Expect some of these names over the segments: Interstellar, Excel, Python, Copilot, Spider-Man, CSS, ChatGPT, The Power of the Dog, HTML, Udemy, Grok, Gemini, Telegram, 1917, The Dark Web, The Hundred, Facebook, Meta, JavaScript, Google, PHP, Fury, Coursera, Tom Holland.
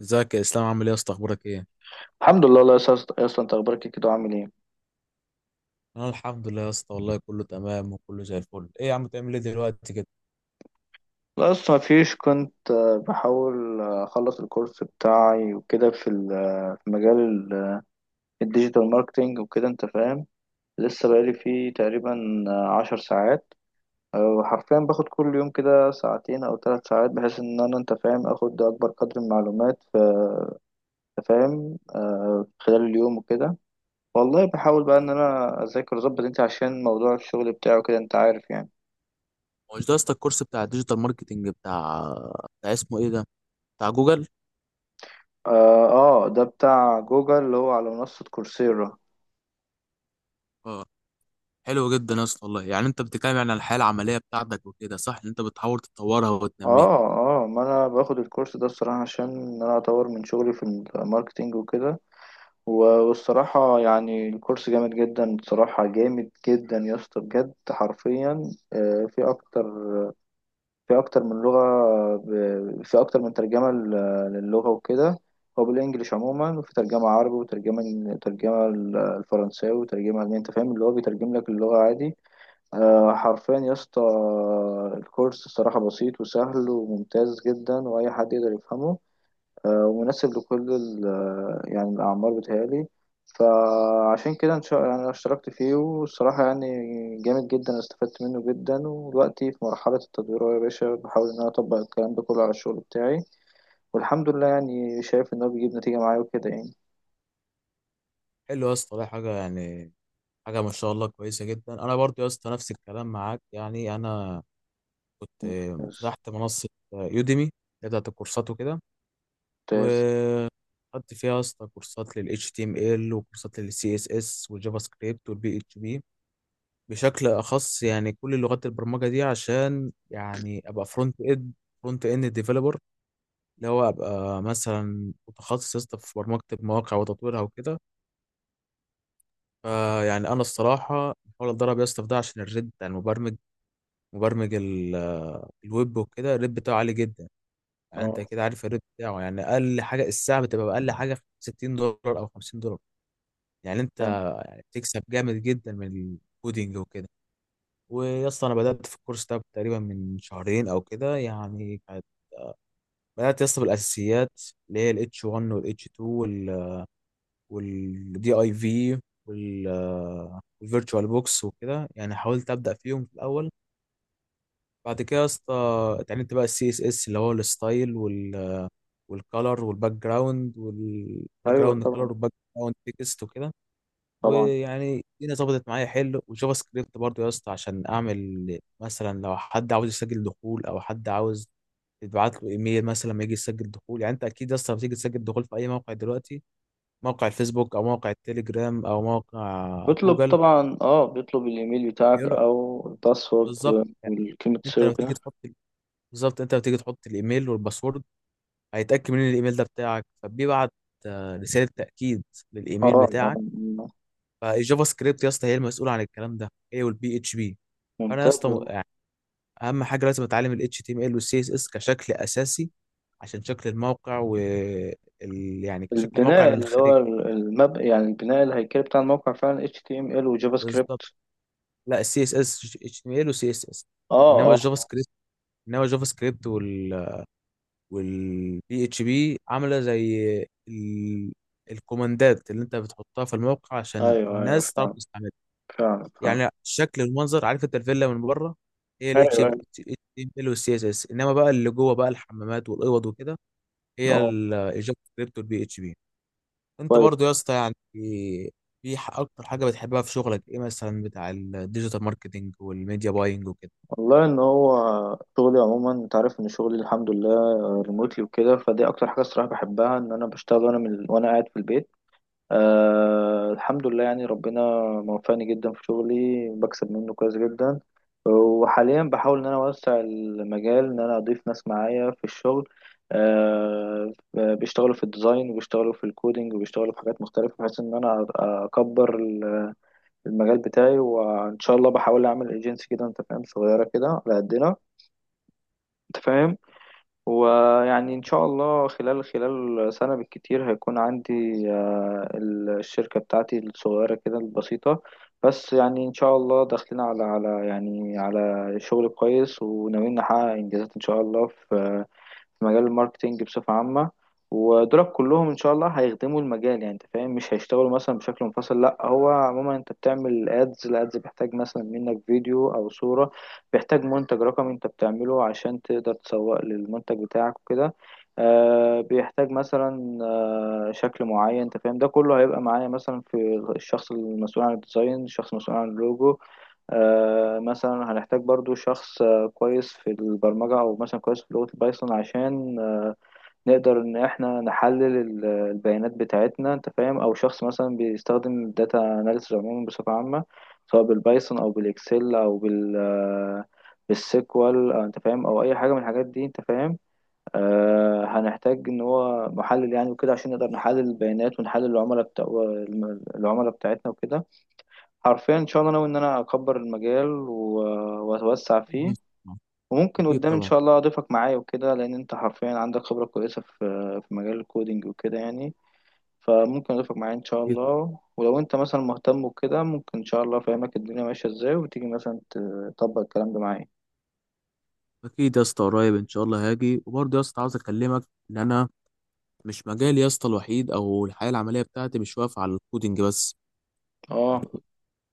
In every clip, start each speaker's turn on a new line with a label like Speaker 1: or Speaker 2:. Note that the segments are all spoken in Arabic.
Speaker 1: ازيك يا اسلام؟ عامل ايه يا اسطى؟ اخبارك ايه؟
Speaker 2: الحمد لله، الله يسعدك يا اسطى. انت اخبارك إيه كده وعامل ايه؟
Speaker 1: انا الحمد لله يا اسطى، والله كله تمام وكله زي الفل. ايه يا عم تعمل ايه دلوقتي كده؟
Speaker 2: لا اصلا مفيش، كنت بحاول اخلص الكورس بتاعي وكده في في مجال الديجيتال ماركتينج وكده، انت فاهم. لسه بقالي فيه تقريبا 10 ساعات. حرفيا باخد كل يوم كده ساعتين او 3 ساعات، بحيث ان انا، انت فاهم، اخد اكبر قدر من المعلومات في، أنت فاهم، خلال اليوم وكده. والله بحاول بقى ان انا اذاكر واظبط، انت عشان موضوع الشغل بتاعه كده، انت عارف يعني.
Speaker 1: هو مش ده يا اسطى الكورس بتاع الديجيتال ماركتنج بتاع اسمه ايه ده، بتاع جوجل؟
Speaker 2: اه، ده بتاع جوجل اللي هو على منصة كورسيرا.
Speaker 1: اه، حلو جدا يا اسطى والله. يعني انت بتتكلم يعني عن الحياه العمليه بتاعتك وكده، صح ان انت بتحاول تطورها وتنميها.
Speaker 2: اه اه، ما انا باخد الكورس ده الصراحة عشان انا اطور من شغلي في الماركتينج وكده. والصراحة يعني الكورس جامد جدا، بصراحة جامد جدا يا اسطى بجد. حرفيا في اكتر من لغة، في اكتر من ترجمة للغة وكده. هو بالانجلش عموما، وفي ترجمة عربي، وترجمة ترجمة الفرنساوي، وترجمة ألماني. انت فاهم، اللي هو بيترجم لك اللغة عادي. حرفيا يا اسطى، الكورس الصراحة بسيط وسهل وممتاز جدا، وأي حد يقدر يفهمه. ومناسب لكل يعني الأعمار بتهيألي. فعشان كده إن شاء، يعني أنا اشتركت فيه، والصراحة يعني جامد جدا، استفدت منه جدا. ودلوقتي في مرحلة التدوير أهو يا باشا، بحاول إن أنا أطبق الكلام ده كله على الشغل بتاعي. والحمد لله يعني شايف إن هو بيجيب نتيجة معايا وكده يعني.
Speaker 1: حلو يا اسطى والله، حاجه يعني ما شاء الله كويسه جدا. انا برضو يا اسطى نفس الكلام معاك. يعني انا كنت
Speaker 2: ممتاز
Speaker 1: فتحت منصه يوديمي بتاعت الكورسات
Speaker 2: ممتاز.
Speaker 1: وكده، خدت فيها يا اسطى كورسات لل HTML وكورسات لل CSS والجافا سكريبت وال PHP بشكل أخص. يعني كل لغات البرمجة دي عشان يعني أبقى فرونت إند ديفلوبر، اللي هو أبقى مثلا متخصص يا اسطى في برمجة المواقع وتطويرها وكده. فيعني أنا الصراحة بحاول أتدرب يا اسطى في ده عشان الريت بتاع المبرمج، مبرمج ال- الويب وكده، الريت بتاعه عالي جدا. يعني أنت
Speaker 2: اه،
Speaker 1: كده عارف الريت بتاعه، يعني أقل حاجة الساعة بتبقى أقل حاجة 60 دولار أو 50 دولار. يعني انت
Speaker 2: تمام.
Speaker 1: بتكسب جامد جدا من الكودينج وكده. ويا اسطى انا بدات في الكورس ده تقريبا من شهرين او كده. يعني بدات يا اسطى بالاساسيات، اللي هي الاتش 1 والاتش 2 والدي اي في والفيرتشوال بوكس وكده. يعني حاولت ابدا فيهم في الاول. بعد كده يا اسطى اتعلمت بقى السي اس اس، اللي هو الستايل والكالر والباك جراوند والباك
Speaker 2: أيوه
Speaker 1: جراوند كالر
Speaker 2: طبعا،
Speaker 1: والباك جراوند تكست وكده.
Speaker 2: طبعا.
Speaker 1: ويعني الدنيا ظبطت معايا حلو. وجافا سكريبت برضو يا اسطى عشان اعمل مثلا لو حد عاوز يسجل دخول او حد عاوز تبعت له ايميل مثلا لما يجي يسجل دخول. يعني انت اكيد يا اسطى لما تيجي تسجل دخول في اي موقع دلوقتي، موقع الفيسبوك او موقع التليجرام او موقع
Speaker 2: بيطلب
Speaker 1: جوجل،
Speaker 2: طبعا، اه، بيطلب الايميل بتاعك
Speaker 1: بيقول لك،
Speaker 2: او الباسورد
Speaker 1: بالظبط يعني،
Speaker 2: والكلمة
Speaker 1: انت
Speaker 2: سر
Speaker 1: لما تيجي
Speaker 2: وكده.
Speaker 1: تحط، بالظبط انت لما تيجي تحط الايميل والباسورد، هيتاكد من الايميل ده بتاعك، فبيبعت رساله تاكيد للايميل
Speaker 2: اه،
Speaker 1: بتاعك. فالجافا سكريبت يا اسطى هي المسؤوله عن الكلام ده، هي والبي اتش بي. فانا يا
Speaker 2: ممتاز
Speaker 1: اسطى
Speaker 2: والله.
Speaker 1: اهم حاجه لازم اتعلم ال HTML وال CSS كشكل اساسي عشان شكل الموقع يعني كشكل موقع
Speaker 2: البناء
Speaker 1: من
Speaker 2: اللي
Speaker 1: الخارج.
Speaker 2: هو يعني البناء الهيكلي بتاع الموقع فعلا HTML وجافا
Speaker 1: بالظبط.
Speaker 2: سكريبت.
Speaker 1: لا، ال HTML وال CSS، انما
Speaker 2: اه اه،
Speaker 1: الجافا سكريبت، انما الجافا سكريبت وال وال PHP عامله زي ال... الكوماندات اللي انت بتحطها في الموقع عشان
Speaker 2: ايوه ايوه،
Speaker 1: الناس تعرف
Speaker 2: فعلا
Speaker 1: تستعملها.
Speaker 2: فعلا فعلا.
Speaker 1: يعني الشكل والمنظر، عارف انت الفيلا من بره، هي ال
Speaker 2: ايوه ايوه،
Speaker 1: HTML وال CSS، انما بقى اللي جوه بقى الحمامات والاوض وكده، هي
Speaker 2: اه،
Speaker 1: الجافا سكريبت والبي اتش بي. انت
Speaker 2: كويس.
Speaker 1: برضو يا اسطى يعني اكتر حاجه بتحبها في شغلك ايه، مثلا بتاع الديجيتال ماركتنج والميديا باينج وكده؟
Speaker 2: والله ان هو شغلي عموما، انت عارف، ان شغلي الحمد لله ريموتلي وكده، فدي اكتر حاجه الصراحه بحبها، ان انا بشتغل وانا من وانا قاعد في البيت. أه، الحمد لله، يعني ربنا موفقني جدا في شغلي، بكسب منه كويس جدا. وحاليا بحاول ان انا اوسع المجال، ان انا اضيف ناس معايا في الشغل. أه، بيشتغلوا في الديزاين، وبيشتغلوا في الكودينج، وبيشتغلوا في حاجات مختلفة، بحيث ان انا اكبر المجال بتاعي. وان شاء الله بحاول اعمل ايجنسي كده، انت فاهم، صغيرة كده على قدنا، انت فاهم. ويعني إن شاء الله خلال سنة بالكتير هيكون عندي الشركة بتاعتي الصغيرة كده البسيطة، بس يعني إن شاء الله داخلين على يعني على شغل كويس، وناويين نحقق إنجازات إن شاء الله في مجال الماركتينج بصفة عامة. ودولت كلهم إن شاء الله هيخدموا المجال، يعني أنت فاهم، مش هيشتغلوا مثلا بشكل منفصل. لأ، هو عموما أنت بتعمل أدز، الأدز بيحتاج مثلا منك فيديو أو صورة، بيحتاج منتج رقمي أنت بتعمله عشان تقدر تسوق للمنتج بتاعك وكده. بيحتاج مثلا شكل معين، انت فاهم، ده كله هيبقى معايا، مثلا في الشخص المسؤول عن الديزاين، الشخص المسؤول عن اللوجو. مثلا هنحتاج برضو شخص كويس في البرمجة، أو مثلا كويس في لغة البايثون، عشان نقدر إن إحنا نحلل البيانات بتاعتنا، أنت فاهم. أو شخص مثلا بيستخدم الداتا أناليسز عموما بصفة عامة، سواء بالبايثون أو بالإكسل أو بالسيكوال، أنت فاهم، أو أي حاجة من الحاجات دي، أنت فاهم. هنحتاج إن هو محلل يعني وكده، عشان نقدر نحلل البيانات ونحلل العملاء بتاعتنا وكده. حرفيا ان شاء الله ناوي ان انا اكبر المجال واتوسع فيه.
Speaker 1: أكيد طبعا.
Speaker 2: وممكن
Speaker 1: أكيد
Speaker 2: قدام ان
Speaker 1: طبعا.
Speaker 2: شاء الله اضيفك معايا وكده، لان انت حرفيا عندك خبرة كويسة في مجال الكودينج وكده يعني. فممكن اضيفك معايا ان شاء
Speaker 1: أكيد.
Speaker 2: الله، ولو انت مثلا مهتم وكده، ممكن ان شاء الله افهمك الدنيا ماشية ازاي، وتيجي مثلا تطبق الكلام ده معايا.
Speaker 1: أكيد يا اسطى، قريب إن شاء الله هاجي. وبرضه يا اسطى عاوز أكلمك إن أنا مش مجالي يا اسطى الوحيد أو الحياة العملية بتاعتي مش واقفة على الكودينج بس،
Speaker 2: اه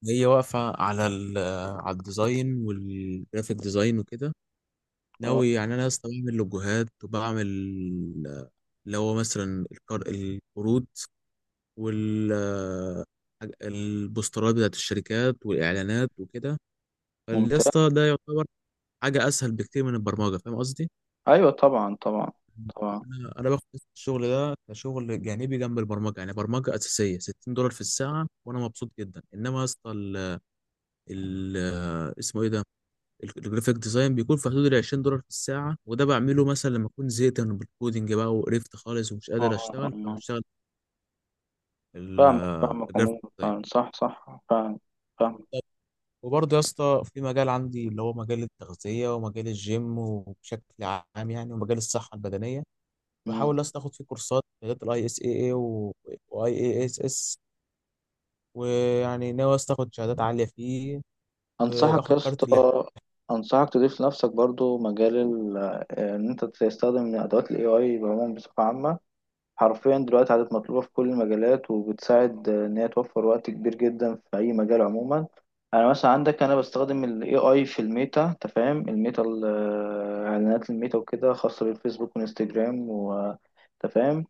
Speaker 1: هي واقفة على على الديزاين والجرافيك ديزاين وكده.
Speaker 2: اه،
Speaker 1: ناوي يعني انا اصلا بعمل لوجوهات وبعمل، اللي هو مثلا، القروض وال البوسترات بتاعت الشركات والاعلانات وكده.
Speaker 2: ممتاز.
Speaker 1: فاليسطا ده يعتبر حاجه اسهل بكتير من البرمجه، فاهم قصدي؟
Speaker 2: ايوه طبعا طبعا طبعا.
Speaker 1: انا باخد الشغل ده كشغل جانبي جنب البرمجه. يعني برمجه اساسيه 60 دولار في الساعه وانا مبسوط جدا. انما يا اسطى اسمه ايه ده، الجرافيك ديزاين بيكون في حدود ال 20 دولار في الساعة، وده بعمله مثلا لما أكون زهقت من الكودينج بقى وقرفت خالص ومش
Speaker 2: اه
Speaker 1: قادر
Speaker 2: آه،
Speaker 1: أشتغل،
Speaker 2: آه.
Speaker 1: فبشتغل ال-
Speaker 2: فاهمك فاهمك
Speaker 1: الجرافيك
Speaker 2: عموما،
Speaker 1: ديزاين.
Speaker 2: فعلا. صح صح، فعلا. فاهم.
Speaker 1: وبرضه يا اسطى في مجال عندي اللي هو مجال التغذية ومجال الجيم وبشكل عام يعني، ومجال الصحة البدنية. بحاول يا اسطى آخد فيه كورسات، شهادات الاي اس اي اي واي اي اس اس. ويعني ناوي يا اسطى آخد شهادات عالية فيه،
Speaker 2: انصحك
Speaker 1: وآخد
Speaker 2: يا
Speaker 1: كارت اللي
Speaker 2: اسطى، انصحك تضيف لنفسك برضو مجال ان انت تستخدم ادوات الاي اي بعموم بصفه عامه. حرفيا دلوقتي عادت مطلوبه في كل المجالات، وبتساعد ان هي توفر وقت كبير جدا في اي مجال عموما. انا مثلا عندك، انا بستخدم الاي اي في الميتا، انت فاهم، الميتا اعلانات الميتا وكده، خاصه بالفيسبوك وانستجرام، انت فاهم.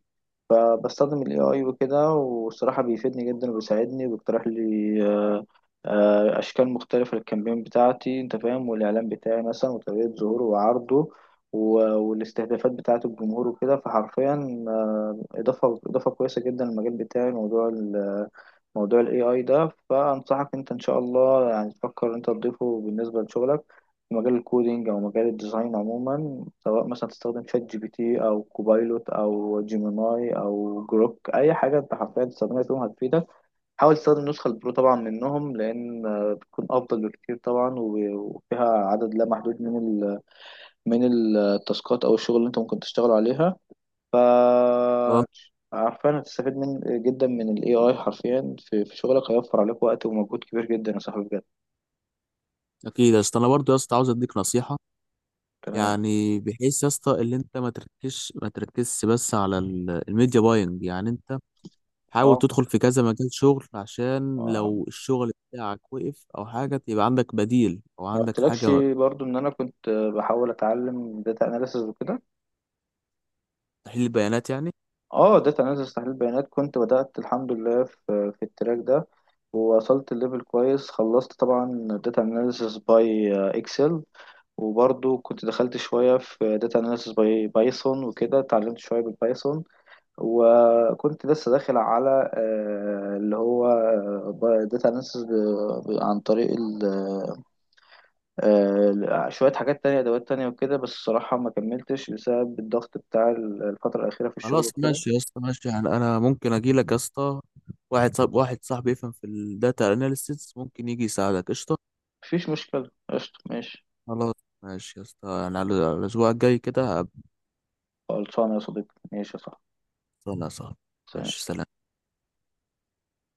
Speaker 2: فبستخدم ال AI وكده، والصراحة بيفيدني جدا وبيساعدني، وبيقترح لي أشكال مختلفة للكامبين بتاعتي، أنت فاهم، والإعلان بتاعي مثلا وطريقة ظهوره وعرضه، والاستهدافات بتاعة الجمهور وكده. فحرفيا إضافة كويسة جدا للمجال بتاعي، موضوع ال AI ده. فأنصحك أنت إن شاء الله يعني تفكر أنت تضيفه بالنسبة لشغلك في مجال الكودينج او مجال الديزاين عموما، سواء مثلا تستخدم شات جي بي تي او كوبايلوت او جيميناي او جروك، اي حاجه انت حرفيا تستخدمها فيهم هتفيدك. حاول تستخدم النسخه البرو طبعا منهم، لان بتكون افضل بكتير طبعا، وفيها عدد لا محدود من ال من التاسكات او الشغل اللي انت ممكن تشتغل عليها. ف،
Speaker 1: اه.
Speaker 2: عارفين هتستفيد من جدا من الاي اي حرفيا في شغلك، هيوفر عليك وقت ومجهود كبير جدا يا صاحبي بجد.
Speaker 1: اكيد يا اسطى. انا برضو يا اسطى عاوز اديك نصيحة،
Speaker 2: تمام،
Speaker 1: يعني بحيث يا اسطى اللي انت ما تركزش بس على الميديا باينج. يعني انت حاول تدخل في كذا مجال شغل، عشان
Speaker 2: اه.
Speaker 1: لو الشغل بتاعك وقف او حاجه يبقى عندك بديل او
Speaker 2: ما
Speaker 1: عندك
Speaker 2: قلتلكش
Speaker 1: حاجه.
Speaker 2: برضو ان انا كنت بحاول اتعلم داتا اناليسز وكده.
Speaker 1: تحليل بيانات يعني.
Speaker 2: اه، داتا اناليسز تحليل بيانات، كنت بدأت الحمد لله في التراك ده، ووصلت الليفل كويس. خلصت طبعا داتا اناليسز باي اكسل، وبرضو كنت دخلت شوية في داتا اناليسز باي بايثون وكده، اتعلمت شوية بالبايثون. وكنت لسه داخل على اللي هو داتا اناليسز عن طريق شوية حاجات تانية، أدوات تانية وكده، بس الصراحة ما كملتش بسبب الضغط بتاع الفترة الأخيرة في الشغل
Speaker 1: خلاص
Speaker 2: وكده.
Speaker 1: ماشي يا اسطى، ماشي. يعني انا ممكن اجي لك يا اسطى واحد صاحبي يفهم في الداتا اناليسيس، ممكن يجي يساعدك، قشطه.
Speaker 2: مفيش مشكلة، قشطة، ماشي.
Speaker 1: خلاص ماشي يا اسطى. يعني على الاسبوع الجاي كده هبقى
Speaker 2: خلصانة يا صديقي، ماشي يا صاحبي.
Speaker 1: انا صاحبي. ماشي،
Speaker 2: سلام.
Speaker 1: سلام.